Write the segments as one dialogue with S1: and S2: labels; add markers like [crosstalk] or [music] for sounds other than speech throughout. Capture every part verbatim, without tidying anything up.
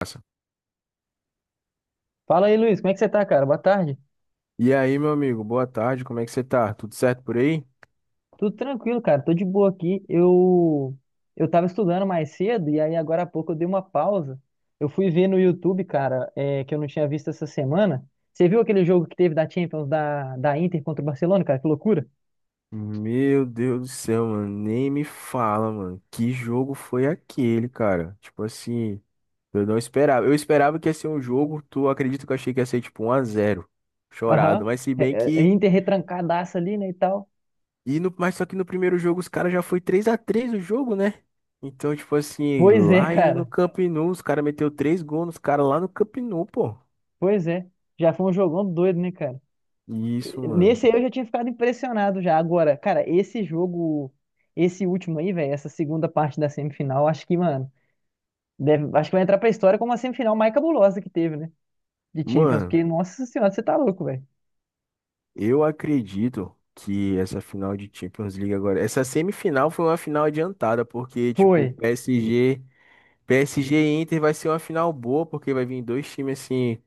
S1: Massa.
S2: Fala aí, Luiz, como é que você tá, cara? Boa tarde.
S1: E aí, meu amigo, boa tarde, como é que você tá? Tudo certo por aí?
S2: Tudo tranquilo, cara. Tô de boa aqui. Eu eu tava estudando mais cedo e aí agora há pouco eu dei uma pausa. Eu fui ver no YouTube, cara, é, que eu não tinha visto essa semana. Você viu aquele jogo que teve da Champions da, da Inter contra o Barcelona, cara? Que loucura.
S1: Meu Deus do céu, mano, nem me fala, mano. Que jogo foi aquele, cara? Tipo assim, eu não esperava. Eu esperava que ia ser um jogo, tu acredita que eu achei que ia ser tipo um a zero, chorado.
S2: Aham.
S1: Mas se bem
S2: É, é,
S1: que.
S2: Inter retrancadaça ali, né, e tal.
S1: E no... Mas só que no primeiro jogo os caras já foi três a três o jogo, né? Então, tipo assim,
S2: Pois é, [laughs]
S1: lá em- no
S2: cara.
S1: Camp Nou, os caras meteu três gols nos caras lá no Camp Nou, pô.
S2: Pois é. Já foi um jogão doido, né, cara?
S1: Isso, mano.
S2: Nesse aí eu já tinha ficado impressionado já. Agora, cara, esse jogo, esse último aí, velho, essa segunda parte da semifinal, acho que, mano, deve, acho que vai entrar pra história como a semifinal mais cabulosa que teve, né? De Champions,
S1: Mano,
S2: porque, nossa senhora, você tá louco, velho.
S1: eu acredito que essa final de Champions League agora, essa semifinal foi uma final adiantada, porque tipo,
S2: Foi.
S1: P S G, PSG e Inter vai ser uma final boa, porque vai vir dois times assim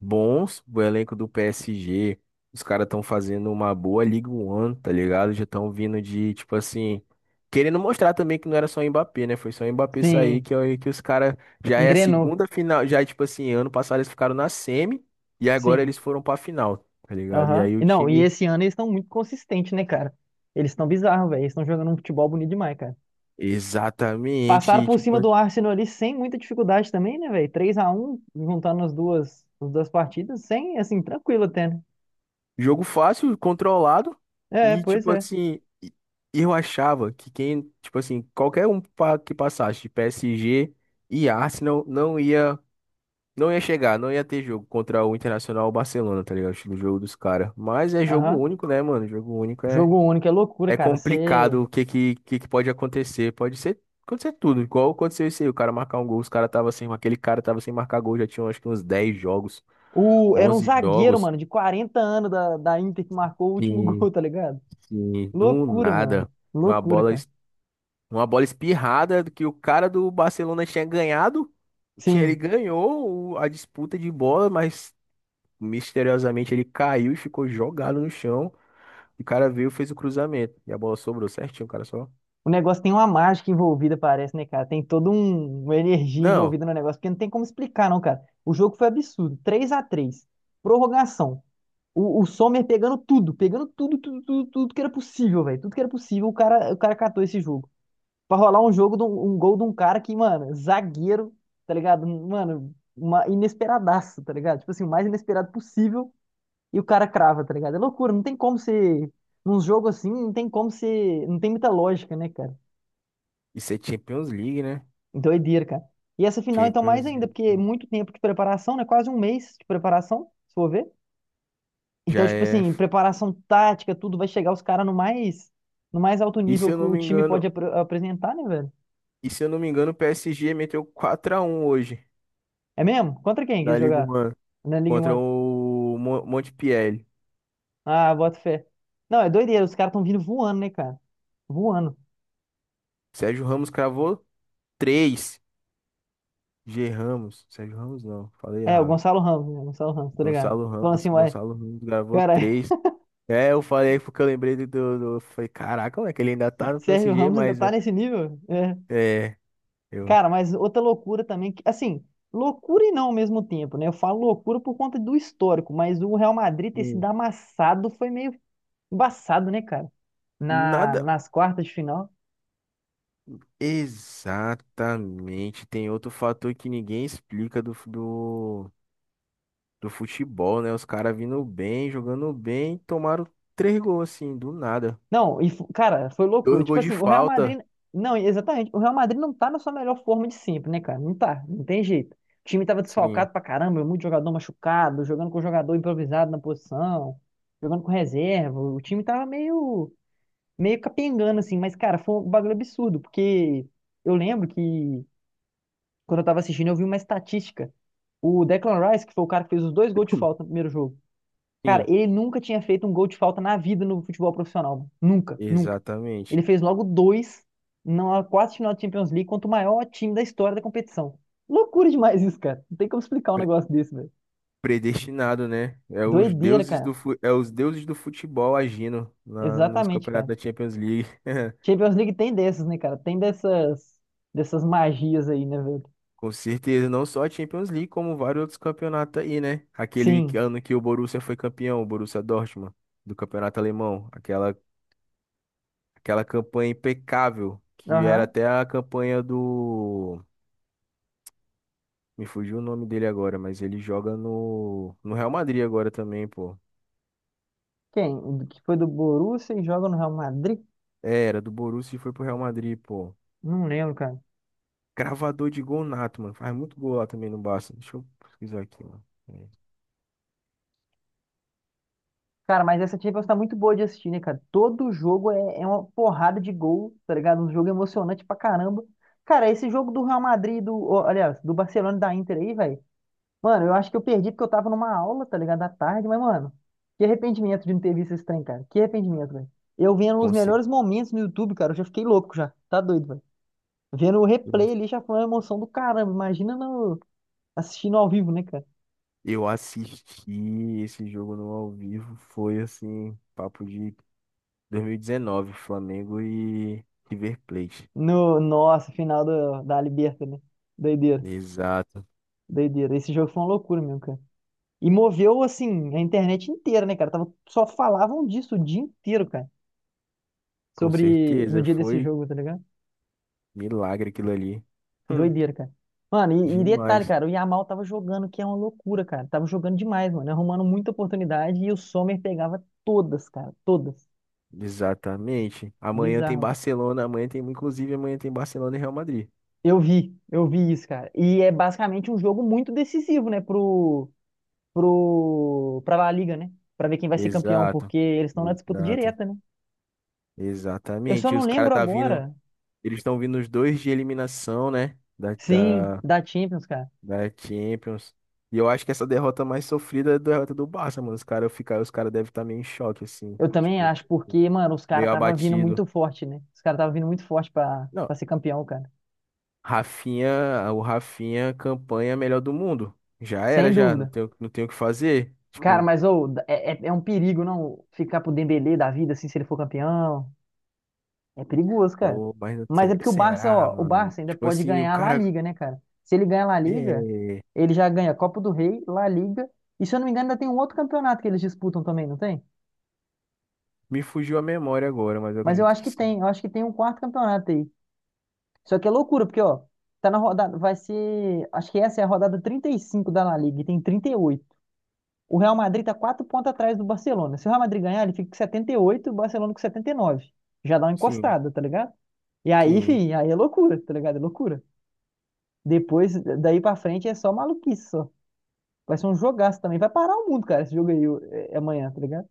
S1: bons. O elenco do P S G, os caras estão fazendo uma boa Liga One, tá ligado? Já estão vindo de tipo assim, querendo mostrar também que não era só o Mbappé, né? Foi só o Mbappé sair
S2: Sim.
S1: que é- que os caras já é a
S2: Engrenou.
S1: segunda final. Já tipo assim, ano passado eles ficaram na semi e agora
S2: Sim.
S1: eles foram pra final. Tá ligado? E
S2: Aham.
S1: aí o
S2: E não, e
S1: time
S2: esse ano eles estão muito consistentes, né, cara? Eles estão bizarros, velho. Eles estão jogando um futebol bonito demais, cara.
S1: exatamente.
S2: Passaram
S1: E,
S2: por
S1: tipo,
S2: cima do Arsenal ali sem muita dificuldade também, né, velho? Três a um juntando as duas, as duas partidas, sem, assim, tranquilo até, né?
S1: jogo fácil, controlado.
S2: É,
S1: E,
S2: pois
S1: tipo
S2: é.
S1: assim, e- eu achava que quem, tipo assim, qualquer um pa- que passasse de P S G e Arsenal não ia, não ia chegar, não ia ter jogo contra o Internacional ou Barcelona, tá ligado? Acho que no jogo dos caras. Mas é jogo
S2: Aham.
S1: único, né, mano? Jogo único é,
S2: Jogo único é loucura,
S1: é
S2: cara. Você.
S1: complicado o que, que, que que pode acontecer. Pode ser, acontecer tudo. Igual aconteceu isso aí, o cara marcar um gol, os cara tava sem, aquele cara tava sem marcar gol, já tinha acho que uns dez jogos,
S2: O... Era um
S1: onze
S2: zagueiro,
S1: jogos.
S2: mano, de quarenta anos da, da Inter que marcou o último [laughs]
S1: Que
S2: gol, tá ligado?
S1: sim, do
S2: Loucura, mano.
S1: nada. Uma
S2: Loucura,
S1: bola,
S2: cara.
S1: es- uma bola espirrada que o cara do Barcelona tinha ganhado. Tinha, ele
S2: Sim.
S1: ganhou o- a disputa de bola, mas misteriosamente ele caiu e ficou jogado no chão. O cara veio, fez o cruzamento. E a bola sobrou certinho, o cara só.
S2: O negócio tem uma mágica envolvida, parece, né, cara? Tem toda um... uma energia
S1: Não,
S2: envolvida no negócio, porque não tem como explicar, não, cara. O jogo foi absurdo. Três a três. Prorrogação. O, o Sommer pegando tudo, pegando tudo, tudo, tudo, tudo que era possível, velho. Tudo que era possível, o cara, o cara catou esse jogo. Pra rolar um jogo, de um um gol de um cara que, mano, zagueiro, tá ligado? Mano, uma inesperadaço, tá ligado? Tipo assim, o mais inesperado possível e o cara crava, tá ligado? É loucura, não tem como ser. Num jogo assim, não tem como ser. Não tem muita lógica, né, cara?
S1: isso é Champions League, né?
S2: Doideira, cara. E essa final, então, mais
S1: Champions
S2: ainda,
S1: League
S2: porque é muito tempo de preparação, né? Quase um mês de preparação, se for ver.
S1: já
S2: Então, tipo
S1: é.
S2: assim, preparação tática, tudo vai chegar os caras no mais, no mais alto
S1: E se
S2: nível
S1: eu
S2: que
S1: não
S2: o
S1: me
S2: time pode
S1: engano,
S2: apr- apresentar, né, velho?
S1: e se eu não me engano, o P S G meteu quatro a um hoje
S2: É mesmo? Contra quem que
S1: na
S2: eles
S1: Liga
S2: jogaram?
S1: um
S2: Na Liga um.
S1: contra o Mon- Montpellier.
S2: Ah, bota fé. Não, é doideira, os caras estão vindo voando, né, cara? Voando.
S1: Sérgio Ramos cravou três. G Ramos. Sérgio Ramos não, falei
S2: É, o
S1: errado.
S2: Gonçalo Ramos, né? Gonçalo Ramos, tô ligado.
S1: Gonçalo
S2: Falando
S1: Ramos.
S2: assim, ué,
S1: Gonçalo Ramos gravou
S2: cara,
S1: três. É, eu falei porque eu lembrei do, do, do- eu falei, caraca, como é que ele ainda tá
S2: [laughs]
S1: no
S2: Sérgio
S1: P S G,
S2: Ramos ainda
S1: mas né?
S2: tá nesse nível? É.
S1: É, eu.
S2: Cara, mas outra loucura também, que, assim, loucura e não ao mesmo tempo, né? Eu falo loucura por conta do histórico, mas o Real Madrid ter sido
S1: Hum.
S2: amassado foi meio embaçado, né, cara? Na,
S1: Nada.
S2: nas quartas de final.
S1: Exatamente. Tem outro fator que ninguém explica do, fu- do, do futebol, né? Os caras vindo bem, jogando bem, tomaram três gols, assim, do nada.
S2: Não, e, fo- cara, foi
S1: Dois
S2: loucura. Tipo
S1: gols de
S2: assim, o Real
S1: falta.
S2: Madrid. Não, exatamente. O Real Madrid não tá na sua melhor forma de sempre, né, cara? Não tá, não tem jeito. O time tava
S1: Sim,
S2: desfalcado pra caramba, muito jogador machucado, jogando com jogador improvisado na posição, jogando com reserva. O time tava meio, meio capengando, assim. Mas, cara, foi um bagulho absurdo, porque eu lembro que quando eu tava assistindo, eu vi uma estatística. O Declan Rice, que foi o cara que fez os dois gols de falta no
S1: [clears throat]
S2: primeiro jogo. Cara,
S1: sim,
S2: ele nunca tinha feito um gol de falta na vida no futebol profissional. Nunca, nunca.
S1: exatamente.
S2: Ele fez logo dois na quase final da Champions League contra o maior time da história da competição. Loucura demais isso, cara. Não tem como explicar um
S1: Pre-
S2: negócio desse, velho.
S1: Predestinado, né? É os
S2: Doideira,
S1: deuses
S2: cara.
S1: do, fu- é os deuses do futebol agindo na, nos
S2: Exatamente,
S1: campeonatos
S2: cara.
S1: da Champions League. [laughs]
S2: Champions League tem dessas, né, cara? Tem dessas dessas magias aí, né, velho?
S1: Com certeza, não só a Champions League, como vários outros campeonatos aí, né? Aquele que-
S2: Sim.
S1: ano que o Borussia foi campeão, o Borussia Dortmund, do campeonato alemão. Aquela, aquela campanha impecável, que era
S2: Aham.
S1: até a campanha do. Me fugiu o nome dele agora, mas ele joga no, no Real Madrid agora também, pô.
S2: Quem? O que foi do Borussia e joga no Real Madrid?
S1: É, era do Borussia e foi pro Real Madrid, pô.
S2: Não lembro, cara.
S1: Cravador de gol nato, mano. Faz muito gol lá também no Barça. Deixa eu pesquisar aqui, mano. É,
S2: Cara, mas essa Champions tá muito boa de assistir, né, cara? Todo jogo é, é uma porrada de gol, tá ligado? Um jogo emocionante pra caramba. Cara, esse jogo do Real Madrid, do, ó, aliás, do Barcelona e da Inter aí, velho. Mano, eu acho que eu perdi porque eu tava numa aula, tá ligado? À tarde, mas, mano, que arrependimento de não ter visto esse trem, cara. Que arrependimento, velho. Eu vendo os
S1: com certeza.
S2: melhores momentos no YouTube, cara, eu já fiquei louco já. Tá doido, velho. Vendo o replay ali já foi uma emoção do caramba. Imagina no, assistindo ao vivo, né, cara?
S1: Eu assisti esse jogo no ao vivo. Foi assim, papo de dois mil e dezenove, Flamengo e River Plate.
S2: No, nossa, final do, da Liberta, né? Doideira.
S1: Exato.
S2: Doideira. Esse jogo foi uma loucura mesmo, cara. E moveu, assim, a internet inteira, né, cara? Tava, só falavam disso o dia inteiro, cara.
S1: Com
S2: Sobre. No
S1: certeza.
S2: dia desse
S1: Foi
S2: jogo, tá ligado?
S1: milagre aquilo ali. Hum,
S2: Doideira, cara. Mano, e, e detalhe,
S1: demais.
S2: cara, o Yamal tava jogando, que é uma loucura, cara. Tava jogando demais, mano. Arrumando muita oportunidade e o Sommer pegava todas, cara. Todas.
S1: Exatamente. Amanhã tem
S2: Bizarro.
S1: Barcelona. Amanhã tem, inclusive, amanhã tem Barcelona e Real Madrid.
S2: Eu vi, eu vi isso, cara. E é basicamente um jogo muito decisivo, né, pro, pro, pra La Liga, né? Pra ver quem vai ser campeão,
S1: Exato.
S2: porque eles estão na disputa
S1: Exato.
S2: direta, né? Eu só
S1: Exatamente. E
S2: não
S1: os caras
S2: lembro
S1: tá vindo.
S2: agora.
S1: Eles estão vindo os dois de eliminação, né? Da,
S2: Sim,
S1: da,
S2: da Champions, cara.
S1: da Champions. E eu acho que essa derrota mais sofrida é a derrota do Barça, mano. Os caras ficar, os cara devem estar meio em choque, assim.
S2: Eu também
S1: Tipo,
S2: acho, porque, mano, os caras
S1: meio
S2: tava vindo
S1: abatido.
S2: muito forte, né? Os caras tava vindo muito forte pra,
S1: Não,
S2: pra ser campeão, cara.
S1: Rafinha, o Rafinha, campanha melhor do mundo. Já era,
S2: Sem
S1: já. Não
S2: dúvida.
S1: tenho não tenho o que fazer.
S2: Cara,
S1: Tipo,
S2: mas ô, é, é, é um perigo, não? Ficar pro Dembélé da vida, assim, se ele for campeão. É perigoso, cara.
S1: pô, mas não
S2: Mas é
S1: sei,
S2: porque o Barça,
S1: será,
S2: ó, o
S1: mano?
S2: Barça ainda
S1: Tipo
S2: pode
S1: assim, o
S2: ganhar a La
S1: cara.
S2: Liga, né, cara? Se ele ganhar a La Liga,
S1: É,
S2: ele já ganha Copa do Rei, La Liga. E se eu não me engano, ainda tem um outro campeonato que eles disputam também, não tem?
S1: me fugiu a memória agora, mas eu
S2: Mas eu
S1: acredito
S2: acho
S1: que
S2: que
S1: sim.
S2: tem, eu acho que tem um quarto campeonato aí. Só que é loucura, porque, ó, tá na rodada, vai ser, acho que essa é a rodada trinta e cinco da La Liga, e tem trinta e oito. O Real Madrid tá quatro pontos atrás do Barcelona. Se o Real Madrid ganhar, ele fica com setenta e oito e oito e o Barcelona com setenta e nove. Já dá uma
S1: Sim,
S2: encostada, tá ligado? E aí,
S1: sim.
S2: enfim, aí é loucura, tá ligado? É loucura. Depois, daí pra frente, é só maluquice, só. Vai ser um jogaço também. Vai parar o mundo, cara, esse jogo aí é, é amanhã, tá ligado?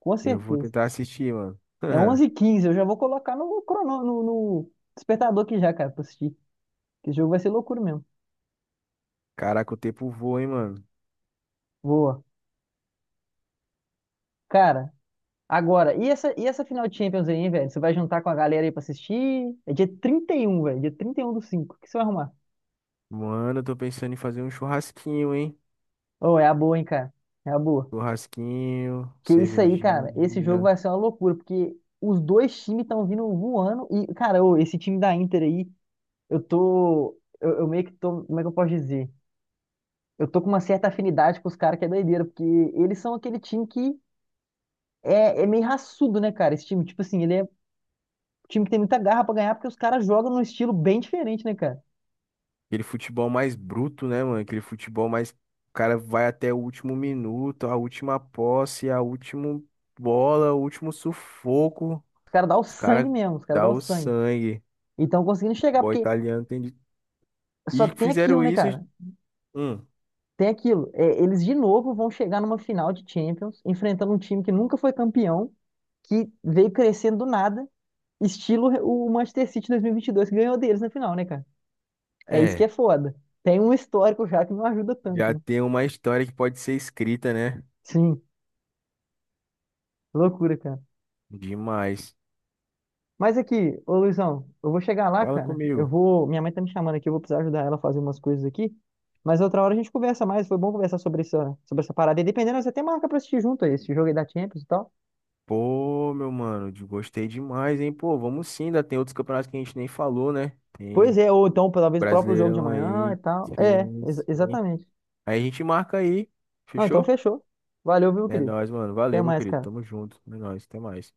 S2: Com
S1: Eu vou
S2: certeza.
S1: tentar assistir, mano.
S2: É
S1: [laughs]
S2: onze e quinze eu já vou colocar no, crono, no, no despertador aqui já, cara, pra assistir. Que jogo vai ser loucura mesmo.
S1: Caraca, o tempo voa, hein, mano?
S2: Boa. Cara, agora, e essa, e essa final de Champions aí, hein, velho? Você vai juntar com a galera aí pra assistir? É dia trinta e um velho. Dia trinta e um do cinco. O que você vai arrumar?
S1: Mano, eu tô pensando em fazer um churrasquinho, hein?
S2: Ô, é a boa, hein, cara? É a boa.
S1: Churrasquinho,
S2: Que isso aí, cara. Esse jogo
S1: cervejinha.
S2: vai ser uma loucura, porque os dois times estão vindo voando. E, cara, ô, esse time da Inter aí, eu tô. Eu, eu meio que tô. Como é que eu posso dizer? Eu tô com uma certa afinidade com os caras que é doideira, porque eles são aquele time que é, é meio raçudo, né, cara? Esse time, tipo assim, ele é um time que tem muita garra pra ganhar, porque os caras jogam num estilo bem diferente, né, cara?
S1: Aquele futebol mais bruto, né, mano? Aquele futebol mais. O cara vai até o último minuto, a última posse, a última bola, o último sufoco.
S2: Os caras dão o
S1: Os
S2: sangue
S1: caras
S2: mesmo, os caras dão o
S1: dão o
S2: sangue.
S1: sangue.
S2: E estão conseguindo chegar,
S1: Futebol
S2: porque.
S1: italiano tem de...
S2: Só
S1: E
S2: que tem aquilo,
S1: fizeram
S2: né,
S1: isso.
S2: cara?
S1: Hum,
S2: Tem aquilo. É, eles de novo vão chegar numa final de Champions, enfrentando um time que nunca foi campeão, que veio crescendo do nada, estilo o Manchester City dois mil e vinte e dois, que ganhou deles na final, né, cara? É isso que é
S1: é.
S2: foda. Tem um histórico já que não ajuda tanto,
S1: Já
S2: né?
S1: tem uma história que pode ser escrita, né?
S2: Sim, loucura, cara.
S1: Demais.
S2: Mas aqui, ô Luizão, eu vou chegar lá,
S1: Fala
S2: cara. Eu
S1: comigo.
S2: vou. Minha mãe tá me chamando aqui, eu vou precisar ajudar ela a fazer umas coisas aqui. Mas outra hora a gente conversa mais. Foi bom conversar sobre essa, sobre essa parada. E dependendo, você até marca pra assistir junto aí, esse jogo aí da Champions e tal.
S1: Pô, meu mano, de- gostei demais, hein? Pô, vamos sim, ainda tem outros campeonatos que a gente nem falou, né?
S2: Pois
S1: Tem
S2: é, ou então, talvez o próprio jogo de
S1: Brasileirão
S2: amanhã e
S1: aí,
S2: tal. É,
S1: sim,
S2: ex-
S1: sim.
S2: exatamente.
S1: Aí a gente marca aí,
S2: Não, então
S1: fechou?
S2: fechou. Valeu, viu,
S1: É
S2: querido?
S1: nóis, mano.
S2: Até
S1: Valeu, meu
S2: mais,
S1: querido.
S2: cara.
S1: Tamo junto. É nóis, até mais.